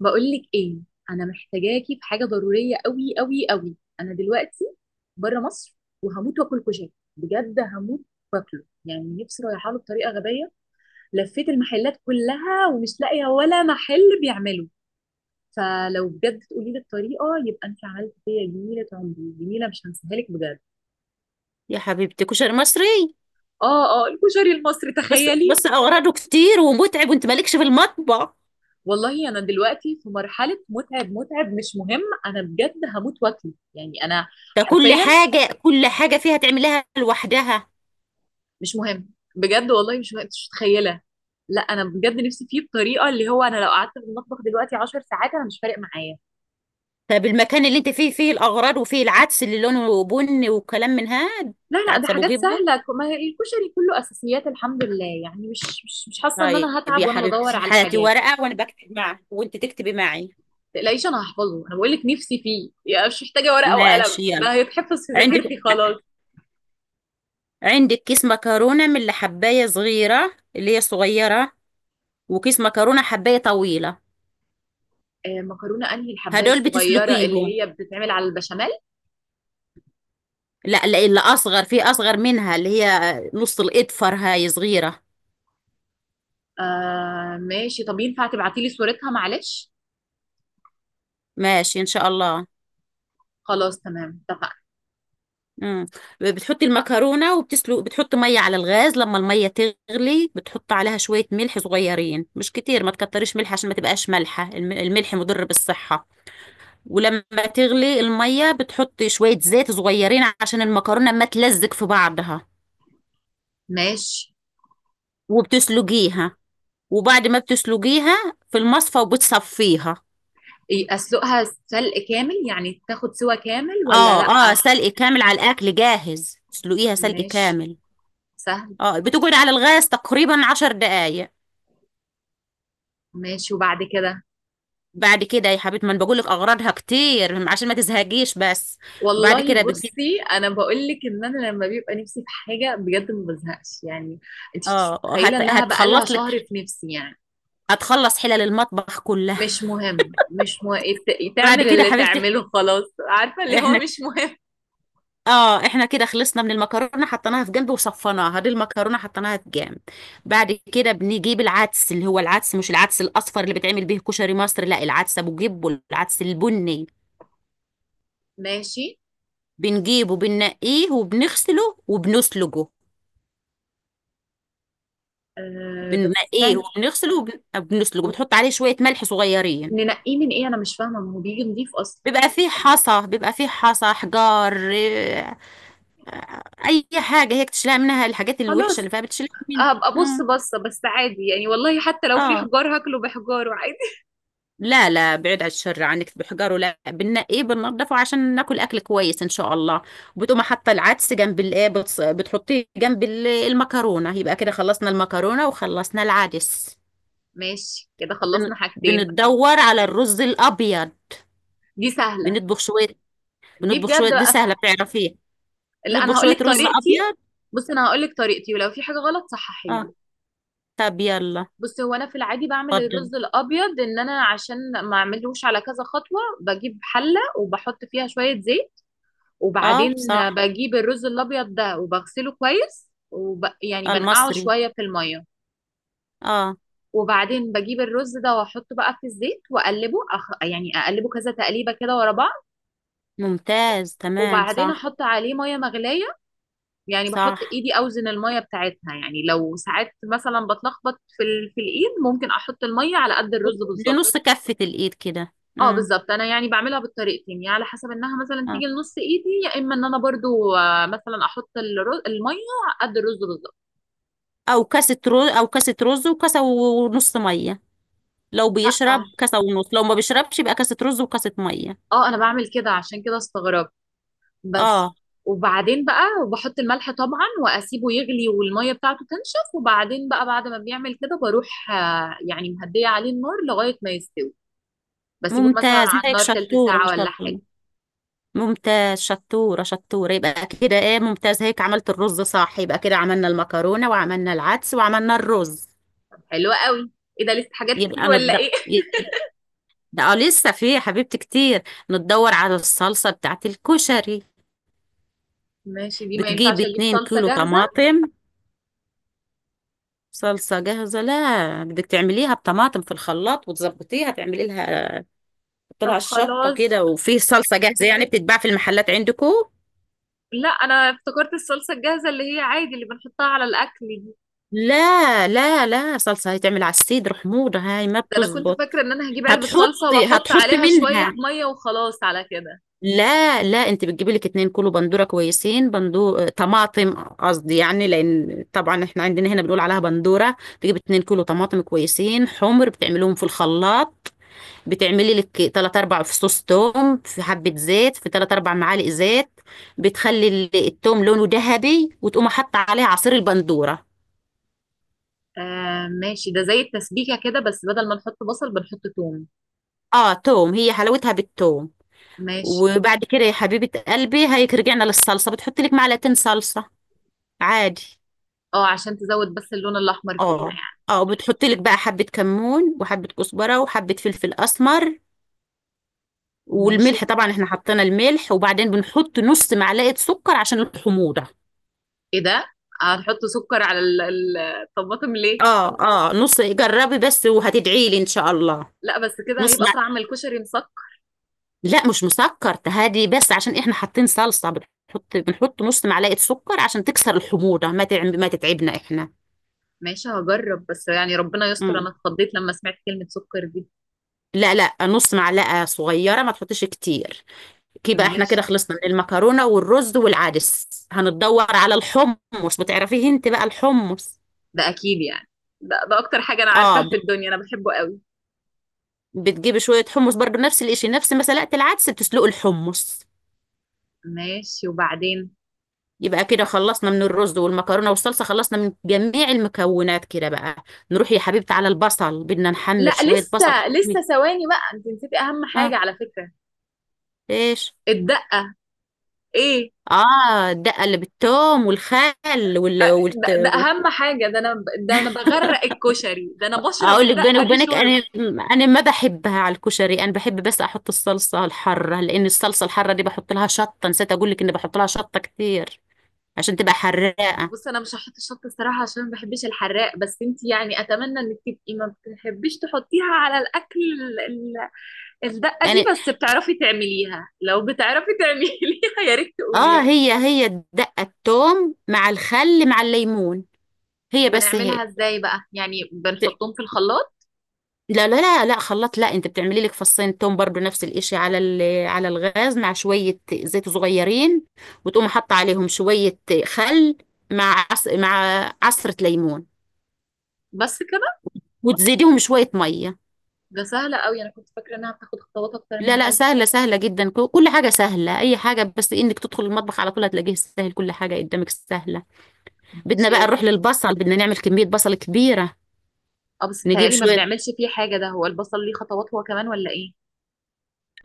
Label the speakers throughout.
Speaker 1: بقولك ايه؟ انا محتاجاكي في حاجه ضروريه قوي قوي قوي. انا دلوقتي بره مصر وهموت واكل كشري، بجد هموت واكله يعني، نفسي رايحه له بطريقه غبيه. لفيت المحلات كلها ومش لاقيه ولا محل بيعمله، فلو بجد تقولي لي الطريقه يبقى انت عملت فيا جميله، عمري جميله مش هنساها لك بجد.
Speaker 2: يا حبيبتي، كشري مصري.
Speaker 1: اه اه، الكشري المصري،
Speaker 2: بس
Speaker 1: تخيلي.
Speaker 2: بس اغراضه كتير ومتعب، وانت مالكش في المطبخ.
Speaker 1: والله انا دلوقتي في مرحله متعب متعب مش مهم، انا بجد هموت واكله يعني انا.
Speaker 2: ده كل
Speaker 1: حرفيا.
Speaker 2: حاجه كل حاجه فيها تعملها لوحدها.
Speaker 1: مش مهم. بجد والله مش مهم. أنت مش متخيله. لا انا بجد نفسي فيه بطريقه اللي هو انا لو قعدت في المطبخ دلوقتي 10 ساعات انا مش فارق معايا.
Speaker 2: طب المكان اللي انت فيه فيه الاغراض، وفيه العدس اللي لونه بني وكلام من هاد.
Speaker 1: لا لا، ده
Speaker 2: عدس ابو
Speaker 1: حاجات
Speaker 2: جبه.
Speaker 1: سهله، ما هي الكشري كله اساسيات الحمد لله، يعني مش حاسه ان
Speaker 2: طيب.
Speaker 1: انا هتعب
Speaker 2: يا
Speaker 1: وانا بدور
Speaker 2: حبيبتي،
Speaker 1: على
Speaker 2: هاتي
Speaker 1: الحاجات.
Speaker 2: ورقه وانا بكتب معك وانت تكتبي معي.
Speaker 1: ما تقلقيش، انا هحفظه، انا بقول لك نفسي فيه يعني، مش محتاجه ورقه وقلم،
Speaker 2: ماشي،
Speaker 1: ده
Speaker 2: يلا.
Speaker 1: هيتحفظ في
Speaker 2: عندك
Speaker 1: ذاكرتي خلاص.
Speaker 2: عندك كيس مكرونه من اللي حبايه صغيره، اللي هي صغيره، وكيس مكرونه حبايه طويله.
Speaker 1: آه مكرونه، انهي الحبايه
Speaker 2: هدول
Speaker 1: الصغيره
Speaker 2: بتسلقيهم.
Speaker 1: اللي هي بتتعمل على البشاميل؟
Speaker 2: لا لا، اللي اصغر، في اصغر منها، اللي هي نص الاظفر، هاي صغيره.
Speaker 1: آه ماشي، طب ينفع تبعتي لي صورتها معلش؟
Speaker 2: ماشي ان شاء الله.
Speaker 1: خلاص تمام، اتفقنا.
Speaker 2: امم. بتحطي المكرونه وبتسلق، بتحط ميه على الغاز، لما الميه تغلي بتحط عليها شويه ملح صغيرين، مش كتير، ما تكتريش ملح عشان ما تبقاش مالحه. الملح مضر بالصحه. ولما تغلي الميه بتحطي شويه زيت صغيرين عشان المكرونه ما تلزق في بعضها.
Speaker 1: ماشي.
Speaker 2: وبتسلقيها. وبعد ما بتسلقيها في المصفى وبتصفيها.
Speaker 1: إيه اسلقها سلق كامل يعني تاخد سوا كامل ولا
Speaker 2: اه
Speaker 1: لأ؟
Speaker 2: اه، سلق كامل، على الاكل جاهز، تسلقيها سلق
Speaker 1: ماشي.
Speaker 2: كامل.
Speaker 1: سهل.
Speaker 2: اه، بتقعد على الغاز تقريبا 10 دقايق.
Speaker 1: ماشي وبعد كده؟
Speaker 2: بعد كده يا حبيبتي، ما انا بقول لك اغراضها كتير عشان ما تزهقيش، بس بعد
Speaker 1: والله
Speaker 2: كده بتجيب.
Speaker 1: بصي، انا بقول لك ان انا لما بيبقى نفسي في حاجه بجد ما بزهقش يعني. انت مش
Speaker 2: اه،
Speaker 1: متخيله انها بقى لها
Speaker 2: هتخلص
Speaker 1: شهر
Speaker 2: لك،
Speaker 1: في نفسي يعني.
Speaker 2: هتخلص حلل المطبخ كلها.
Speaker 1: مش مهم مش مهم،
Speaker 2: بعد
Speaker 1: تعمل
Speaker 2: كده يا
Speaker 1: اللي
Speaker 2: حبيبتي
Speaker 1: تعمله خلاص، عارفه اللي هو
Speaker 2: احنا
Speaker 1: مش مهم.
Speaker 2: اه احنا كده خلصنا من المكرونه، حطيناها في جنب وصفناها، دي المكرونه حطيناها في جنب. بعد كده بنجيب العدس، اللي هو العدس، مش العدس الاصفر اللي بتعمل بيه كشري مصر، لا، العدس ابو جيب والعدس البني.
Speaker 1: ماشي.
Speaker 2: بنجيبه، بننقيه وبنغسله وبنسلجه.
Speaker 1: آه بس
Speaker 2: بننقيه
Speaker 1: استني.
Speaker 2: وبنغسله وبنسلجه، بتحط عليه شوية ملح صغيرين.
Speaker 1: ننقيه من ايه؟ انا مش فاهمه، ما هو بيجي نضيف اصلا.
Speaker 2: بيبقى فيه حصى، بيبقى فيه حصى، حجار، إيه، اي حاجة هيك تشيلها منها، الحاجات الوحشة
Speaker 1: خلاص
Speaker 2: اللي فيها بتشيلها منها.
Speaker 1: هبقى ابص
Speaker 2: مم.
Speaker 1: بصه، بس عادي يعني، والله حتى لو في
Speaker 2: اه.
Speaker 1: حجار هاكله بحجاره عادي.
Speaker 2: لا لا، بعيد عن الشر عنك بحجاره، لا، بننقيه بننضفه عشان ناكل اكل كويس ان شاء الله. وبتقوم حاطه العدس جنب الايه، بتحطيه جنب المكرونه، يبقى كده خلصنا المكرونه وخلصنا العدس.
Speaker 1: ماشي كده
Speaker 2: بن-
Speaker 1: خلصنا حاجتين.
Speaker 2: بنتدور على الرز الابيض.
Speaker 1: دي سهله.
Speaker 2: بنطبخ شويه.
Speaker 1: دي
Speaker 2: بنطبخ
Speaker 1: بجد
Speaker 2: شويه، دي
Speaker 1: بقى
Speaker 2: سهله
Speaker 1: سهلة.
Speaker 2: بتعرفيها.
Speaker 1: لا
Speaker 2: بنطبخ
Speaker 1: انا هقول
Speaker 2: شويه
Speaker 1: لك
Speaker 2: رز
Speaker 1: طريقتي.
Speaker 2: ابيض.
Speaker 1: بص انا هقول لك طريقتي ولو في حاجه غلط صححي لي.
Speaker 2: اه، طب يلا.
Speaker 1: بص هو انا في العادي بعمل
Speaker 2: اتفضل.
Speaker 1: الرز الابيض ان انا عشان ما اعملوش على كذا خطوه، بجيب حله وبحط فيها شويه زيت،
Speaker 2: اه،
Speaker 1: وبعدين
Speaker 2: صح.
Speaker 1: بجيب الرز الابيض ده وبغسله كويس يعني بنقعه
Speaker 2: المصري.
Speaker 1: شويه في الميه،
Speaker 2: اه.
Speaker 1: وبعدين بجيب الرز ده واحطه بقى في الزيت واقلبه يعني اقلبه كذا تقليبه كده ورا بعض،
Speaker 2: ممتاز، تمام،
Speaker 1: وبعدين
Speaker 2: صح.
Speaker 1: احط عليه ميه مغليه، يعني بحط
Speaker 2: صح،
Speaker 1: ايدي اوزن الميه بتاعتها، يعني لو ساعات مثلا بتلخبط في الايد ممكن احط الميه على قد الرز بالظبط.
Speaker 2: لنص كفه الايد كده.
Speaker 1: اه بالظبط، انا يعني بعملها بالطريقتين، يعني على حسب انها مثلا
Speaker 2: اه.
Speaker 1: تيجي لنص ايدي، يا اما ان انا برضو مثلا احط الميه على قد الرز بالظبط.
Speaker 2: او كاسه رز وكاسه ونص ميه، لو
Speaker 1: لا اه،
Speaker 2: بيشرب كاسه ونص، لو ما بيشربش يبقى كاسه رز وكاسه ميه.
Speaker 1: انا بعمل كده عشان كده استغربت بس.
Speaker 2: اه،
Speaker 1: وبعدين بقى بحط الملح طبعا واسيبه يغلي والميه بتاعته تنشف، وبعدين بقى بعد ما بيعمل كده بروح يعني مهديه عليه النار لغايه ما يستوي. بسيبه مثلا
Speaker 2: ممتاز،
Speaker 1: على
Speaker 2: هيك
Speaker 1: النار تلت
Speaker 2: شطوره ما
Speaker 1: ساعه ولا
Speaker 2: شاء
Speaker 1: حاجه.
Speaker 2: الله. ممتاز، شطورة شطورة، يبقى كده ايه، ممتاز، هيك عملت الرز صح، يبقى كده عملنا المكرونة وعملنا العدس وعملنا الرز.
Speaker 1: حلوه قوي. ايه ده لسه حاجات
Speaker 2: يبقى
Speaker 1: كتير ولا
Speaker 2: نض
Speaker 1: ايه؟
Speaker 2: يبقى ده لسه في يا حبيبتي كتير. نتدور على الصلصة بتاعت الكشري.
Speaker 1: ماشي. دي ما
Speaker 2: بتجيب
Speaker 1: ينفعش اجيب
Speaker 2: اتنين
Speaker 1: صلصه
Speaker 2: كيلو
Speaker 1: جاهزه؟
Speaker 2: طماطم صلصة جاهزة؟ لا، بدك تعمليها بطماطم في الخلاط وتظبطيها، تعملي لها طلع
Speaker 1: طب
Speaker 2: الشطة
Speaker 1: خلاص.
Speaker 2: كده. وفي صلصة جاهزة يعني بتتباع في المحلات عندكم؟
Speaker 1: لا انا افتكرت الصلصه الجاهزه اللي هي عادي اللي بنحطها على الاكل دي.
Speaker 2: لا لا لا، صلصة هيتعمل على السيد حموضة هاي ما
Speaker 1: ده انا كنت
Speaker 2: بتزبط.
Speaker 1: فاكره ان انا هجيب علبه صلصه
Speaker 2: هتحطي
Speaker 1: واحط
Speaker 2: هتحطي
Speaker 1: عليها شويه
Speaker 2: منها.
Speaker 1: ميه وخلاص على كده.
Speaker 2: لا لا، انت بتجيبي لك 2 كيلو بندوره كويسين، طماطم قصدي، يعني لان طبعا احنا عندنا هنا بنقول عليها بندوره. تجيب 2 كيلو طماطم كويسين حمر، بتعمليهم في الخلاط. بتعملي لك تلات اربع فصوص توم في حبه زيت، في تلات اربع معالق زيت. بتخلي التوم لونه ذهبي، وتقوم حاطه عليه عصير البندوره.
Speaker 1: آه ماشي، ده زي التسبيكة كده بس بدل ما نحط بصل بنحط توم.
Speaker 2: اه، توم، هي حلاوتها بالتوم.
Speaker 1: ماشي.
Speaker 2: وبعد كده يا حبيبه قلبي، هيك رجعنا للصلصه، بتحطي لك 2 معلقة صلصه عادي.
Speaker 1: اه عشان تزود بس اللون الأحمر فيها
Speaker 2: اه
Speaker 1: يعني.
Speaker 2: اه، بتحط لك بقى حبة كمون وحبة كزبرة وحبة فلفل اسمر،
Speaker 1: ماشي.
Speaker 2: والملح طبعا احنا حطينا الملح. وبعدين بنحط نص معلقة سكر عشان الحموضة.
Speaker 1: ايه ده، هنحط سكر على الطماطم ليه؟
Speaker 2: اه اه، نص، جربي بس وهتدعي لي ان شاء الله.
Speaker 1: لا بس كده
Speaker 2: نص
Speaker 1: هيبقى
Speaker 2: مع...
Speaker 1: طعم الكشري مسكر.
Speaker 2: لا، مش مسكر، تهادي بس عشان احنا حاطين صلصة، بنحط نص معلقة سكر عشان تكسر الحموضة، ما تتعبنا احنا.
Speaker 1: ماشي هجرب، بس يعني ربنا يستر، انا
Speaker 2: مم.
Speaker 1: اتخضيت لما سمعت كلمة سكر دي.
Speaker 2: لا لا، نص معلقة صغيرة، ما تحطيش كتير. كيبقى احنا كده
Speaker 1: ماشي.
Speaker 2: خلصنا من المكرونة والرز والعدس. هنتدور على الحمص، بتعرفيه انت بقى الحمص.
Speaker 1: ده اكيد يعني، ده اكتر حاجة انا
Speaker 2: اه،
Speaker 1: عارفاها في الدنيا، انا بحبه قوي.
Speaker 2: بتجيبي شوية حمص برضو نفس الاشي، نفس ما سلقت العدس بتسلقي الحمص.
Speaker 1: ماشي وبعدين؟
Speaker 2: يبقى كده خلصنا من الرز والمكرونة والصلصة، خلصنا من جميع المكونات كده بقى. نروح يا حبيبتي على البصل، بدنا نحمر
Speaker 1: لا
Speaker 2: شوية بصل.
Speaker 1: لسه لسه،
Speaker 2: حلوين.
Speaker 1: ثواني بقى، انت نسيتي اهم حاجة
Speaker 2: اه.
Speaker 1: على فكرة.
Speaker 2: ايش؟
Speaker 1: الدقة. ايه،
Speaker 2: اه، الدقة اللي بالثوم والخل
Speaker 1: ده, ده اهم حاجه، ده انا، ده انا بغرق الكشري، ده انا بشرب
Speaker 2: اقول لك بيني
Speaker 1: الدقه دي
Speaker 2: وبينك
Speaker 1: شرب.
Speaker 2: انا ما بحبها على الكشري، انا بحب بس احط الصلصه الحاره، لان الصلصه الحاره دي بحط لها شطه، نسيت اقول لك اني بحط لها شطه كتير عشان تبقى حراقه.
Speaker 1: بص انا مش هحط الشطه الصراحه عشان ما بحبش الحراق، بس انت يعني اتمنى انك تبقي ما بتحبيش تحطيها على الاكل، الدقه دي
Speaker 2: يعني
Speaker 1: بس، بتعرفي تعمليها؟ لو بتعرفي تعمليها يا ريت تقولي لي.
Speaker 2: هي دقه الثوم مع الخل مع الليمون، هي بس
Speaker 1: بنعملها
Speaker 2: هيك.
Speaker 1: ازاي بقى؟ يعني
Speaker 2: ت-
Speaker 1: بنحطهم في الخلاط؟
Speaker 2: لا لا لا لا، خلاط لا، انت بتعملي لك 2 فص توم برضو نفس الاشي، على على الغاز مع شويه زيت صغيرين، وتقوم حاطه عليهم شويه خل مع عصره ليمون،
Speaker 1: بس كده؟
Speaker 2: وتزيديهم شويه ميه.
Speaker 1: ده سهله قوي، انا كنت فاكره انها بتاخد خطوات اكتر
Speaker 2: لا
Speaker 1: من
Speaker 2: لا،
Speaker 1: كده.
Speaker 2: سهلة سهلة جدا، كل حاجة سهلة، أي حاجة، بس إنك تدخل المطبخ على طول هتلاقيه سهل، كل حاجة قدامك سهلة. بدنا
Speaker 1: ماشي
Speaker 2: بقى
Speaker 1: يا ستي.
Speaker 2: نروح للبصل، بدنا نعمل كمية بصل كبيرة.
Speaker 1: اه بس
Speaker 2: نجيب
Speaker 1: بيتهيألي ما
Speaker 2: شوية.
Speaker 1: بنعملش فيه حاجه، ده هو البصل ليه خطوات هو كمان ولا ايه؟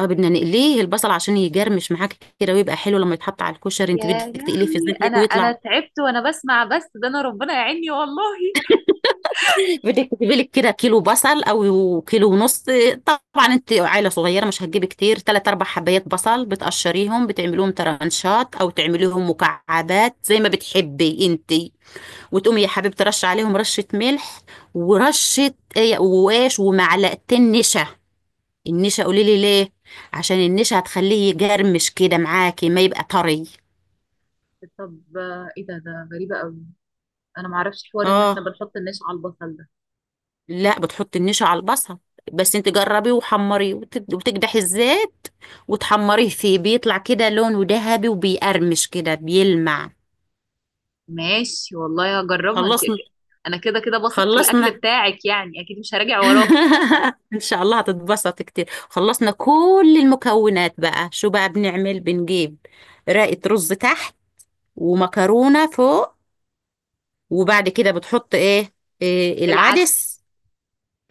Speaker 2: اه، بدنا نقليه البصل عشان يجرمش معاك كده ويبقى حلو لما يتحط على الكشري، انت بدك
Speaker 1: يا
Speaker 2: تقليه في
Speaker 1: لهوي،
Speaker 2: الزيت
Speaker 1: انا
Speaker 2: هيك
Speaker 1: انا
Speaker 2: ويطلع.
Speaker 1: تعبت وانا بسمع بس، ده انا ربنا يعيني والله.
Speaker 2: بدك تجيبي لك كده كيلو بصل او كيلو ونص، طبعا انت عائله صغيره مش هتجيبي كتير، ثلاث اربع حبايات بصل، بتقشريهم بتعمليهم ترانشات او تعمليهم مكعبات زي ما بتحبي انت، وتقومي يا حبيبتي ترش عليهم رشة ملح ورشة ايه قواش ومعلقتين نشا. النشا قولي لي ليه؟ عشان النشا هتخليه يجرمش كده معاكي، ما يبقى طري.
Speaker 1: طب ايه ده، ده غريبة قوي، انا معرفش حوار ان احنا
Speaker 2: اه.
Speaker 1: بنحط النشا على البصل ده.
Speaker 2: لا، بتحطي النشا على البصل، بس انت جربيه وحمريه وتكدحي الزيت وتحمريه فيه، بيطلع كده لونه ذهبي وبيقرمش كده، بيلمع.
Speaker 1: ماشي والله هجربها انت،
Speaker 2: خلصنا.
Speaker 1: انا كده كده بثق في الاكل
Speaker 2: خلصنا.
Speaker 1: بتاعك، يعني اكيد مش هراجع وراكي.
Speaker 2: ان شاء الله هتتبسط كتير. خلصنا كل المكونات بقى، شو بقى بنعمل؟ بنجيب رقة رز تحت ومكرونة فوق، وبعد كده بتحط ايه؟ إيه؟
Speaker 1: العدس.
Speaker 2: العدس.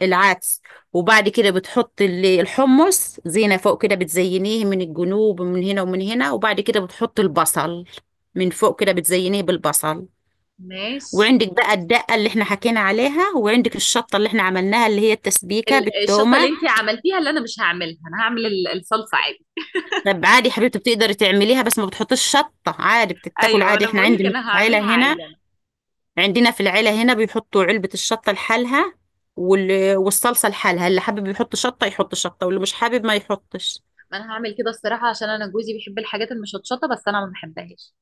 Speaker 2: العدس. وبعد كده بتحط الحمص زينة فوق كده، بتزينيه من الجنوب ومن هنا ومن هنا، وبعد كده بتحط البصل من فوق كده، بتزينيه بالبصل.
Speaker 1: ماشي.
Speaker 2: وعندك بقى الدقة اللي احنا حكينا عليها، وعندك الشطة اللي احنا عملناها اللي هي التسبيكة
Speaker 1: الشطه اللي
Speaker 2: بالتومة.
Speaker 1: انت عملتيها اللي انا مش هعملها، انا هعمل الصلصه عادي.
Speaker 2: طب عادي حبيبتي، بتقدري تعمليها بس ما بتحطيش شطة، عادي بتتاكل.
Speaker 1: ايوه
Speaker 2: عادي
Speaker 1: انا
Speaker 2: احنا
Speaker 1: بقول لك
Speaker 2: عندنا في
Speaker 1: انا
Speaker 2: العيلة
Speaker 1: هعملها عادي
Speaker 2: هنا،
Speaker 1: انا.
Speaker 2: عندنا في العيلة هنا بيحطوا علبة الشطة لحالها والصلصة لحالها، اللي حابب يحط شطة يحط شطة، واللي مش حابب ما يحطش.
Speaker 1: ما انا هعمل كده الصراحة عشان انا جوزي بيحب الحاجات المشطشطة بس انا ما بحبهاش.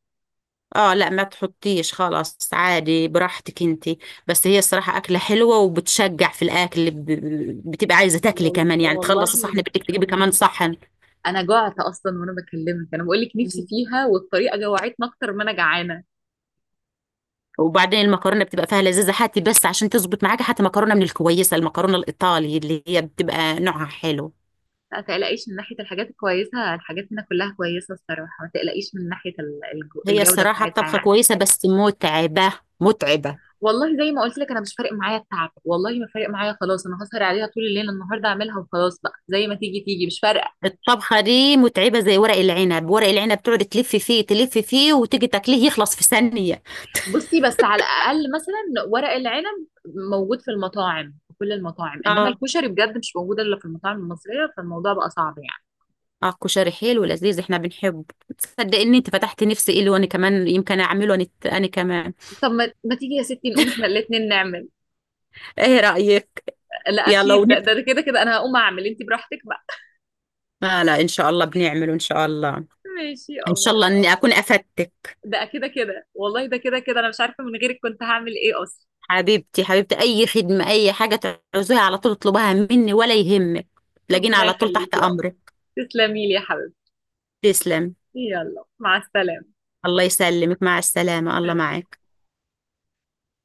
Speaker 2: اه، لا، ما تحطيش، خلاص عادي براحتك انتي. بس هي الصراحة أكلة حلوة وبتشجع في الأكل، بتبقى عايزة تاكلي كمان، يعني
Speaker 1: والله
Speaker 2: تخلصي صحن بدك تجيبي كمان صحن.
Speaker 1: انا جعت اصلا وانا بكلمك، انا بقول لك نفسي فيها، والطريقه جوعتني اكتر ما انا جعانه.
Speaker 2: وبعدين المكرونه بتبقى فيها لذيذه، هاتي بس عشان تظبط معاك، هاتي مكرونه من الكويسه، المكرونه الايطالي اللي هي بتبقى نوعها حلو.
Speaker 1: لا تقلقيش من ناحيه الحاجات الكويسه، الحاجات هنا كلها كويسه الصراحه، ما تقلقيش من ناحيه
Speaker 2: هي
Speaker 1: الجوده
Speaker 2: الصراحه
Speaker 1: بتاعتها
Speaker 2: الطبخه
Speaker 1: يعني.
Speaker 2: كويسه بس متعبه متعبه.
Speaker 1: والله زي ما قلت لك انا مش فارق معايا التعب، والله ما فارق معايا خلاص، انا هسهر عليها طول الليل النهارده اعملها وخلاص بقى، زي ما تيجي تيجي مش فارقه.
Speaker 2: الطبخه دي متعبه زي ورق العنب، ورق العنب تقعد تلف فيه تلف فيه وتيجي تاكليه يخلص في ثانيه.
Speaker 1: بصي بس على الاقل مثلا ورق العنب موجود في المطاعم، في كل المطاعم، انما
Speaker 2: اه
Speaker 1: الكشري بجد مش موجود الا في المطاعم المصريه، فالموضوع بقى صعب يعني.
Speaker 2: اه، كشري حلو لذيذ احنا بنحبه. تصدق ان انت فتحت نفسي ايه، وانا كمان يمكن اعمله انا، انا كمان.
Speaker 1: طب ما تيجي يا ستي نقوم احنا الاتنين نعمل؟
Speaker 2: ايه رايك؟
Speaker 1: لا
Speaker 2: يلا
Speaker 1: اكيد، ده
Speaker 2: ونبقى.
Speaker 1: ده ده كده كده انا هقوم اعمل، انت براحتك بقى.
Speaker 2: لا لا، ان شاء الله بنعمله، ان شاء الله.
Speaker 1: ماشي يا
Speaker 2: ان
Speaker 1: قمر.
Speaker 2: شاء الله اني اكون افدتك.
Speaker 1: ده كده كده والله، ده كده كده انا مش عارفه من غيرك كنت هعمل ايه اصلا.
Speaker 2: حبيبتي حبيبتي، اي خدمه اي حاجه تعوزيها على طول اطلبها مني ولا يهمك، تلاقيني
Speaker 1: ربنا
Speaker 2: على طول تحت
Speaker 1: يخليكي يا قمر،
Speaker 2: امرك.
Speaker 1: تسلمي لي يا حبيبتي.
Speaker 2: تسلم.
Speaker 1: يلا مع السلامه.
Speaker 2: الله يسلمك، مع السلامه، الله
Speaker 1: سلام.
Speaker 2: معاك.